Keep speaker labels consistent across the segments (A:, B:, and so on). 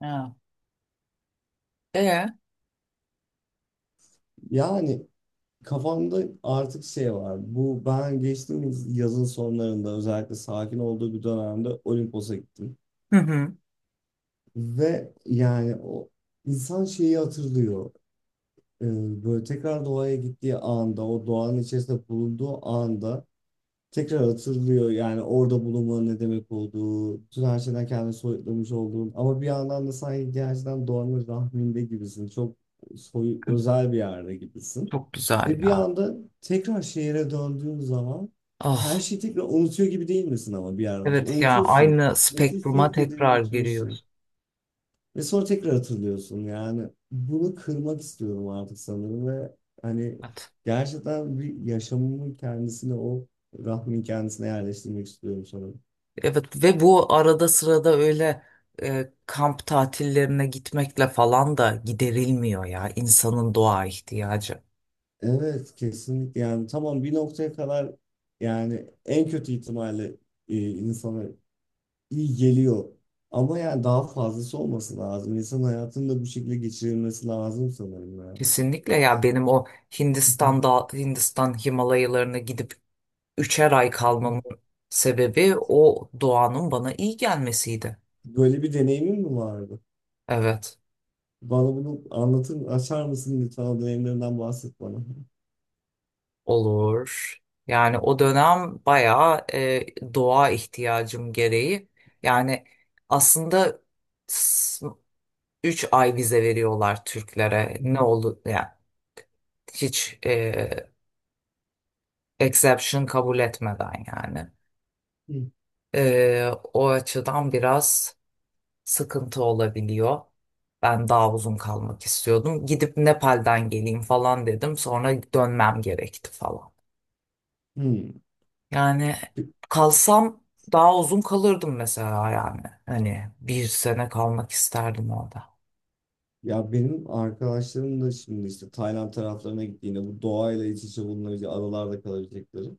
A: Ha. Ee?
B: Yani kafamda artık şey var. Bu ben geçtiğimiz yazın sonlarında özellikle sakin olduğu bir dönemde Olimpos'a gittim.
A: Hı hı.
B: Ve yani o insan şeyi hatırlıyor. Ee, böyle tekrar doğaya gittiği anda, o doğanın içerisinde bulunduğu anda tekrar hatırlıyor yani orada bulunmanın ne demek olduğu, bütün her şeyden kendini soyutlamış olduğun ama bir yandan da sanki gerçekten doğanın rahminde gibisin. Çok soy,
A: Hı,
B: özel bir yerde gibisin.
A: Çok güzel
B: Ve bir
A: ya.
B: anda tekrar şehire döndüğün zaman her
A: Ah,
B: şeyi tekrar unutuyor gibi değil misin ama bir yerden sonra?
A: evet ya,
B: Unutuyorsun.
A: aynı
B: Nasıl
A: spektruma
B: hissettirdiğini
A: tekrar
B: unutuyorsun.
A: giriyoruz.
B: Ve sonra tekrar hatırlıyorsun yani. Bunu kırmak istiyorum artık sanırım ve hani
A: Evet.
B: gerçekten bir yaşamımın kendisine o rahmin kendisine yerleştirmek istiyorum sanırım.
A: Evet ve bu arada sırada öyle kamp tatillerine gitmekle falan da giderilmiyor ya insanın doğa ihtiyacı.
B: Evet kesinlikle yani tamam bir noktaya kadar yani en kötü ihtimalle insana iyi geliyor. Ama yani daha fazlası olması lazım. İnsan hayatını da bu şekilde geçirilmesi lazım sanırım ya.
A: Kesinlikle ya, benim o Hindistan Himalayalarına gidip 3'er ay kalmamın sebebi o doğanın bana iyi gelmesiydi.
B: Böyle bir deneyimin mi vardı?
A: Evet.
B: Bana bunu anlatır, açar mısın lütfen o dönemlerinden bahset bana.
A: Olur. Yani o dönem bayağı doğa ihtiyacım gereği. Yani aslında 3 ay vize veriyorlar Türklere. Ne oldu? Yani hiç exception kabul etmeden yani. O açıdan biraz sıkıntı olabiliyor. Ben daha uzun kalmak istiyordum. Gidip Nepal'den geleyim falan dedim. Sonra dönmem gerekti falan.
B: Hmm.
A: Yani kalsam daha uzun kalırdım mesela yani. Hani bir sene kalmak isterdim orada.
B: Ya benim arkadaşlarım da şimdi işte Tayland taraflarına gittiğinde bu doğayla iç içe bulunabilecek adalarda kalabilecekleri.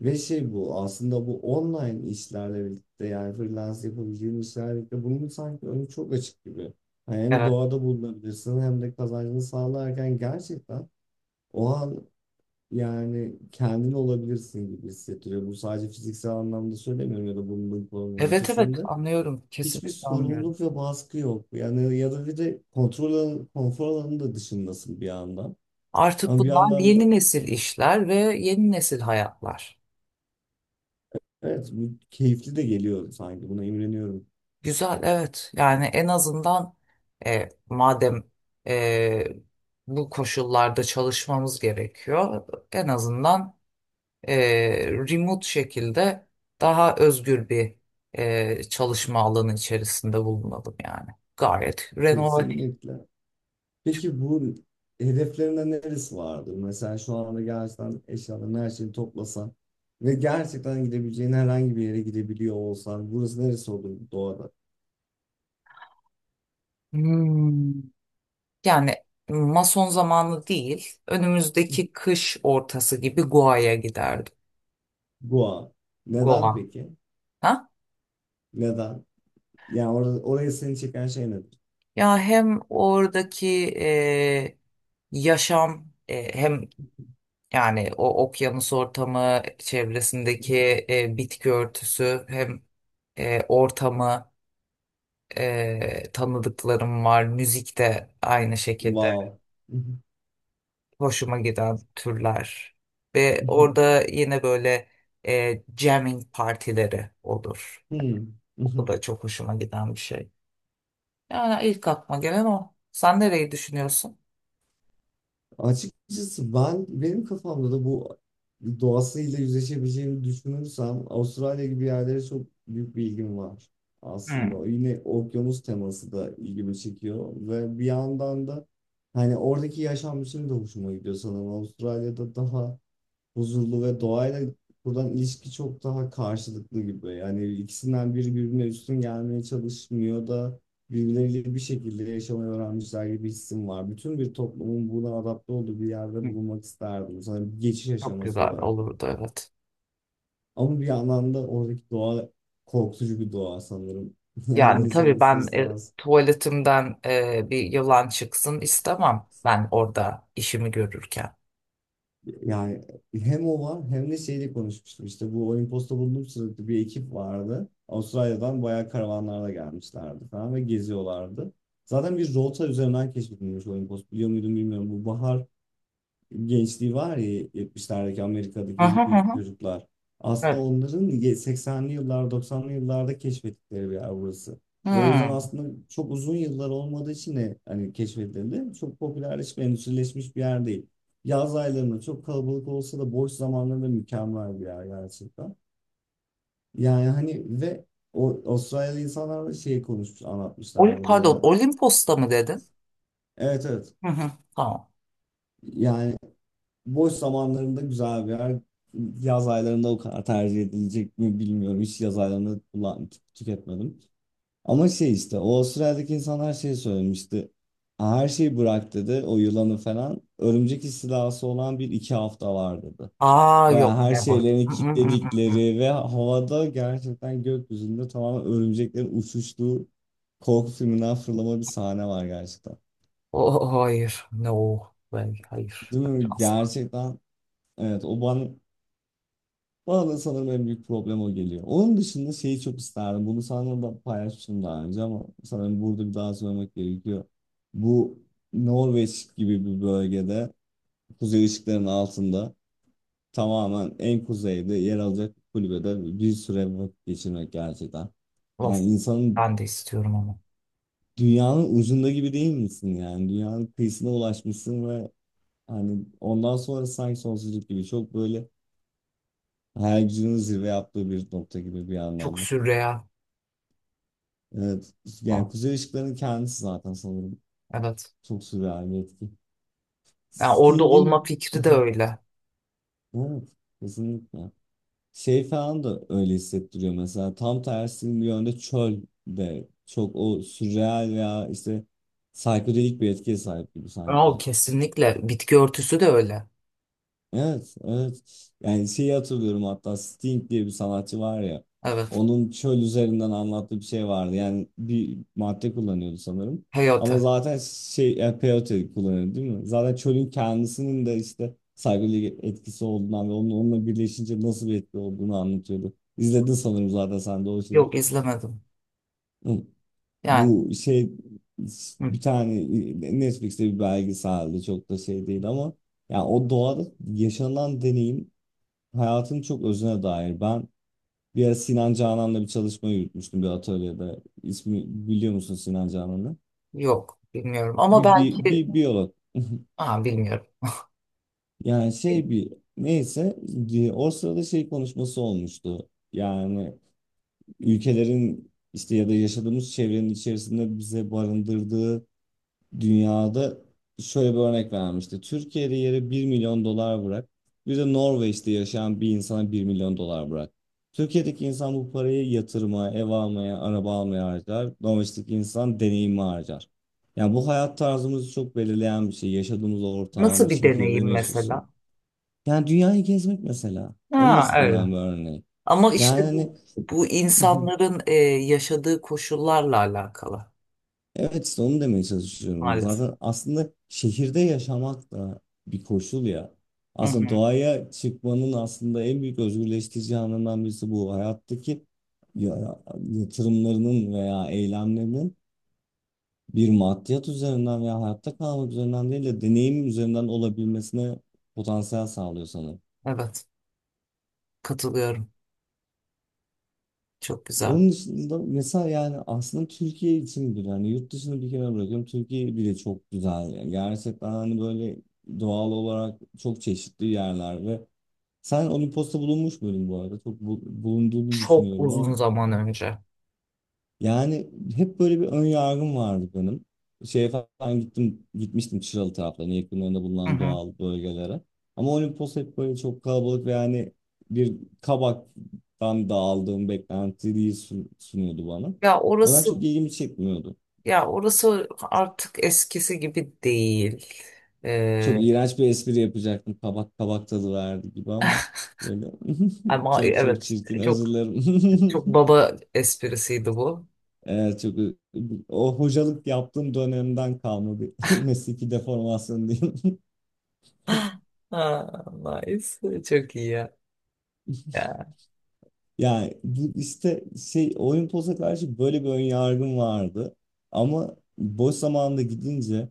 B: Ve şey bu aslında bu online işlerle birlikte yani freelance yapabileceğin işlerle birlikte bunun sanki önü çok açık gibi. Yani hem
A: Evet.
B: doğada bulunabilirsin hem de kazancını sağlarken gerçekten o an yani kendin olabilirsin gibi hissettiriyor. Bu sadece fiziksel anlamda söylemiyorum ya da bunun
A: Evet evet,
B: ötesinde.
A: anlıyorum.
B: Hiçbir
A: Kesinlikle anlıyorum.
B: sorumluluk ve baskı yok. Yani ya da bir de kontrol alanı, konfor alanının da dışındasın bir yandan.
A: Artık
B: Ama bir
A: bunlar
B: yandan
A: yeni
B: da
A: nesil işler ve yeni nesil hayatlar.
B: evet bu keyifli de geliyor sanki. Buna imreniyorum.
A: Güzel, evet. Yani en azından madem e, bu koşullarda çalışmamız gerekiyor, en azından e, remote şekilde daha özgür bir çalışma alanı içerisinde bulunalım yani. Gayet renovatif.
B: Kesinlikle. Peki bu hedeflerinde neresi vardır? Mesela şu anda gerçekten eşyalarını her şeyi toplasan ve gerçekten gidebileceğin herhangi bir yere gidebiliyor olsan burası neresi olur doğada?
A: Hmm. Yani mason zamanı değil, önümüzdeki kış ortası gibi Goa'ya giderdim.
B: Goa.
A: Goa.
B: Neden peki?
A: Ha?
B: Neden? Yani orada, orayı seni çeken şey nedir?
A: Ya hem oradaki e, yaşam hem yani o okyanus ortamı çevresindeki bitki örtüsü hem ortamı tanıdıklarım var. Müzik de aynı şekilde
B: Wow.
A: hoşuma giden türler. Ve orada yine böyle jamming partileri olur.
B: Hmm.
A: O da çok hoşuma giden bir şey. Yani ilk aklıma gelen o. Sen nereyi düşünüyorsun?
B: Açıkçası ben benim kafamda da bu doğasıyla yüzleşebileceğimi düşünürsem Avustralya gibi yerlere çok büyük bir ilgim var aslında. O yine okyanus teması da ilgimi çekiyor ve bir yandan da hani oradaki yaşam biçimi de hoşuma gidiyor sanırım. Avustralya'da daha huzurlu ve doğayla buradan ilişki çok daha karşılıklı gibi. Yani ikisinden biri birbirine üstün gelmeye çalışmıyor da birbirleriyle bir şekilde yaşamayı öğrenmişler gibi hissim var. Bütün bir toplumun buna adapte olduğu bir yerde
A: Hmm.
B: bulunmak isterdim. Sanırım bir geçiş
A: Çok
B: aşaması
A: güzel
B: olarak.
A: olurdu, evet.
B: Ama bir yandan da oradaki doğa korkutucu bir doğa sanırım. Yani
A: Yani
B: insanın
A: tabii
B: ister
A: ben
B: istemez
A: tuvaletimden bir yılan çıksın istemem ben orada işimi görürken.
B: yani hem o var hem de şeyle konuşmuştum. İşte bu Olimpos'ta bulunduğum sırada bir ekip vardı. Avustralya'dan bayağı karavanlarla gelmişlerdi falan ve geziyorlardı. Zaten bir rota üzerinden keşfedilmiş Olimpos. Biliyor muydum bilmiyorum. Bu bahar gençliği var ya 70'lerdeki
A: Hı
B: Amerika'daki
A: hı hı.
B: hippie
A: Hı.
B: çocuklar. Aslında
A: Evet.
B: onların 80'li yıllar 90'lı yıllarda keşfettikleri bir yer burası. Ve o yüzden
A: Hmm.
B: aslında çok uzun yıllar olmadığı için de hani keşfedildi. Çok popülerleşmiş, endüstrileşmiş bir yer değil. Yaz aylarında çok kalabalık olsa da boş zamanlarında mükemmel bir yer gerçekten. Yani hani ve o Avustralyalı insanlar da şey konuşmuş, anlatmışlardı
A: Pardon,
B: bana.
A: Olimpos'ta mı dedin?
B: Evet, evet.
A: Hı hı. Tamam.
B: Yani boş zamanlarında güzel bir yer. Yaz aylarında o kadar tercih edilecek mi bilmiyorum. Hiç yaz aylarında tüketmedim. Ama şey işte o Avustralya'daki insanlar şey söylemişti. Her şeyi bırak dedi o yılanı falan. Örümcek istilası olan bir iki hafta var dedi.
A: Aa, yok,
B: Baya her
A: never.
B: şeylerini
A: Mm, mm, mm, mm, mm.
B: kilitledikleri ve havada gerçekten gökyüzünde tamamen örümceklerin uçuştuğu korku filminden fırlama bir sahne var gerçekten.
A: Oh, hayır. No. Hayır. Hayır.
B: Değil
A: Hayır,
B: mi?
A: asla.
B: Gerçekten evet o bana bana da sanırım en büyük problem o geliyor. Onun dışında şeyi çok isterdim. Bunu sana da paylaşmıştım daha önce ama sanırım burada bir daha söylemek gerekiyor. Bu Norveç gibi bir bölgede kuzey ışıklarının altında tamamen en kuzeyde yer alacak bir kulübede bir süre vakit geçirmek gerçekten.
A: Of.
B: Yani insanın
A: Ben de istiyorum ama...
B: dünyanın ucunda gibi değil misin yani? Dünyanın kıyısına ulaşmışsın ve hani ondan sonra sanki sonsuzluk gibi çok böyle hayal gücünün zirve yaptığı bir nokta gibi bir
A: Çok
B: anlamda.
A: sürreal.
B: Evet. Yani
A: Oh,
B: Kuzey Işıkları'nın kendisi zaten sanırım.
A: evet.
B: Çok sürreal bir etki.
A: Yani orada
B: Sting'in
A: olma fikri de öyle.
B: evet, kesinlikle. Şey falan da öyle hissettiriyor mesela. Tam tersi bir yönde çöl de çok o sürreal veya işte psikodelik bir etkiye sahip gibi
A: O
B: sanki.
A: kesinlikle. Bitki örtüsü de öyle.
B: Evet, evet. Yani şeyi hatırlıyorum hatta Sting diye bir sanatçı var ya.
A: Evet.
B: Onun çöl üzerinden anlattığı bir şey vardı. Yani bir madde kullanıyordu sanırım. Ama
A: Hayata.
B: zaten şey yani peyote kullanıyordu değil mi? Zaten çölün kendisinin de işte saygılı etkisi olduğundan ve onun onunla birleşince nasıl bir etki olduğunu anlatıyordu. İzledin sanırım zaten sen de o şeyi.
A: Yok, izlemedim.
B: Hı.
A: Yani
B: Bu şey
A: hı,
B: bir tane Netflix'te bir belgeseldi çok da şey değil ama yani o doğada yaşanan deneyim hayatın çok özüne dair. Ben bir ara Sinan Canan'la bir çalışma yürütmüştüm bir atölyede. İsmi biliyor musun Sinan Canan'ı?
A: yok bilmiyorum. Ama
B: Bir, bir,
A: belki...
B: bir biyolog.
A: Aa, bilmiyorum.
B: Yani şey bir neyse o sırada şey konuşması olmuştu. Yani ülkelerin işte ya da yaşadığımız çevrenin içerisinde bize barındırdığı dünyada şöyle bir örnek vermişti. Türkiye'de yere 1.000.000 dolar bırak. Bir de Norveç'te yaşayan bir insana 1.000.000 dolar bırak. Türkiye'deki insan bu parayı yatırmaya, ev almaya, araba almaya harcar. Norveç'teki insan deneyimi harcar. Yani bu hayat tarzımızı çok belirleyen bir şey. Yaşadığımız
A: Nasıl
B: ortam,
A: bir
B: şehirde
A: deneyim
B: mi yaşıyorsun?
A: mesela?
B: Yani dünyayı gezmek mesela. En
A: Ha,
B: basitinden
A: öyle.
B: bir örneği.
A: Ama işte bu,
B: Yani
A: bu insanların yaşadığı koşullarla alakalı
B: evet işte onu demeye çalışıyorum.
A: maalesef.
B: Zaten aslında şehirde yaşamak da bir koşul ya.
A: Hı
B: Aslında
A: hı.
B: doğaya çıkmanın aslında en büyük özgürleştirici anından birisi bu. Hayattaki ya- yatırımlarının veya eylemlerinin bir maddiyat üzerinden veya hayatta kalmak üzerinden değil de deneyim üzerinden olabilmesine potansiyel sağlıyor sana.
A: Evet, katılıyorum. Çok güzel.
B: Onun dışında mesela yani aslında Türkiye için bile hani yurt dışını bir kenara bırakıyorum. Türkiye bile çok güzel. Yani gerçekten hani böyle doğal olarak çok çeşitli yerler ve sen Olimpos'ta bulunmuş muydun bu arada? Çok bulunduğunu
A: Çok uzun
B: düşünüyorum
A: zaman önce.
B: yani hep böyle bir ön yargım vardı benim. Şeye falan gittim, gitmiştim Çıralı taraflarına, yakınlarında
A: Hı
B: bulunan
A: hı.
B: doğal bölgelere. Ama Olimpos hep böyle çok kalabalık ve yani bir kabaktan da aldığım beklentiyi sunuyordu bana.
A: Ya
B: O da
A: orası...
B: çok ilgimi çekmiyordu.
A: Ya orası artık eskisi gibi değil.
B: Çok
A: Ee,
B: iğrenç bir espri yapacaktım. Kabak kabak tadı verdi gibi ama böyle
A: ama
B: çok çok
A: evet,
B: çirkin, özür
A: çok
B: dilerim.
A: çok baba esprisiydi bu.
B: Evet, çok o hocalık yaptığım dönemden kalma bir mesleki deformasyon diyeyim.
A: Ha, nice. Çok iyi ya. Ya,
B: Yani bu işte şey Olimpos'a karşı böyle bir ön yargım vardı. Ama boş zamanında gidince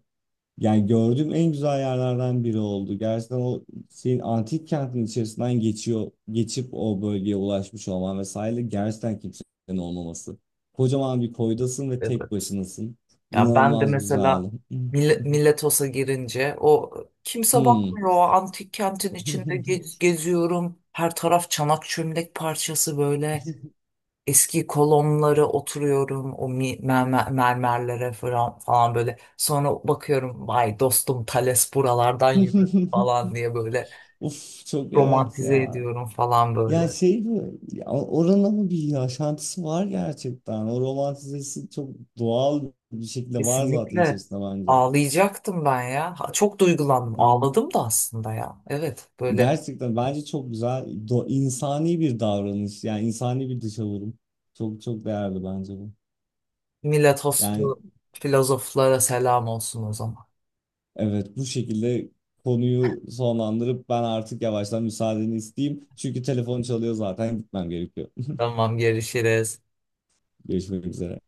B: yani gördüğüm en güzel yerlerden biri oldu. Gerçekten o şeyin antik kentin içerisinden geçiyor, geçip o bölgeye ulaşmış olman vesaire gerçekten kimsenin olmaması. Kocaman bir koydasın ve tek
A: evet.
B: başınasın.
A: Ya ben de
B: İnanılmaz
A: mesela
B: güzeldi.
A: Miletos'a girince o, kimse
B: Hmm.
A: bakmıyor. O antik kentin içinde geziyorum. Her taraf çanak çömlek parçası böyle. Eski kolonlara oturuyorum o mermerlere falan, falan böyle. Sonra bakıyorum, vay dostum, Thales buralardan yürüdü falan diye böyle
B: Uf çok evet
A: romantize
B: ya.
A: ediyorum falan
B: Yani
A: böyle.
B: şey mi? Ya oranın ama bir yaşantısı var gerçekten. O romantizesi çok doğal bir şekilde var zaten
A: Kesinlikle
B: içerisinde bence.
A: ağlayacaktım ben ya. Ha, çok duygulandım.
B: Hmm.
A: Ağladım da aslında ya. Evet böyle...
B: Gerçekten bence çok güzel, insani bir davranış. Yani insani bir dışavurun. Çok çok değerli bence bu. Yani
A: Miletoslu filozoflara selam olsun o zaman.
B: evet bu şekilde konuyu sonlandırıp ben artık yavaştan müsaadeni isteyeyim. Çünkü telefon çalıyor zaten gitmem gerekiyor.
A: Tamam, görüşürüz.
B: Görüşmek üzere.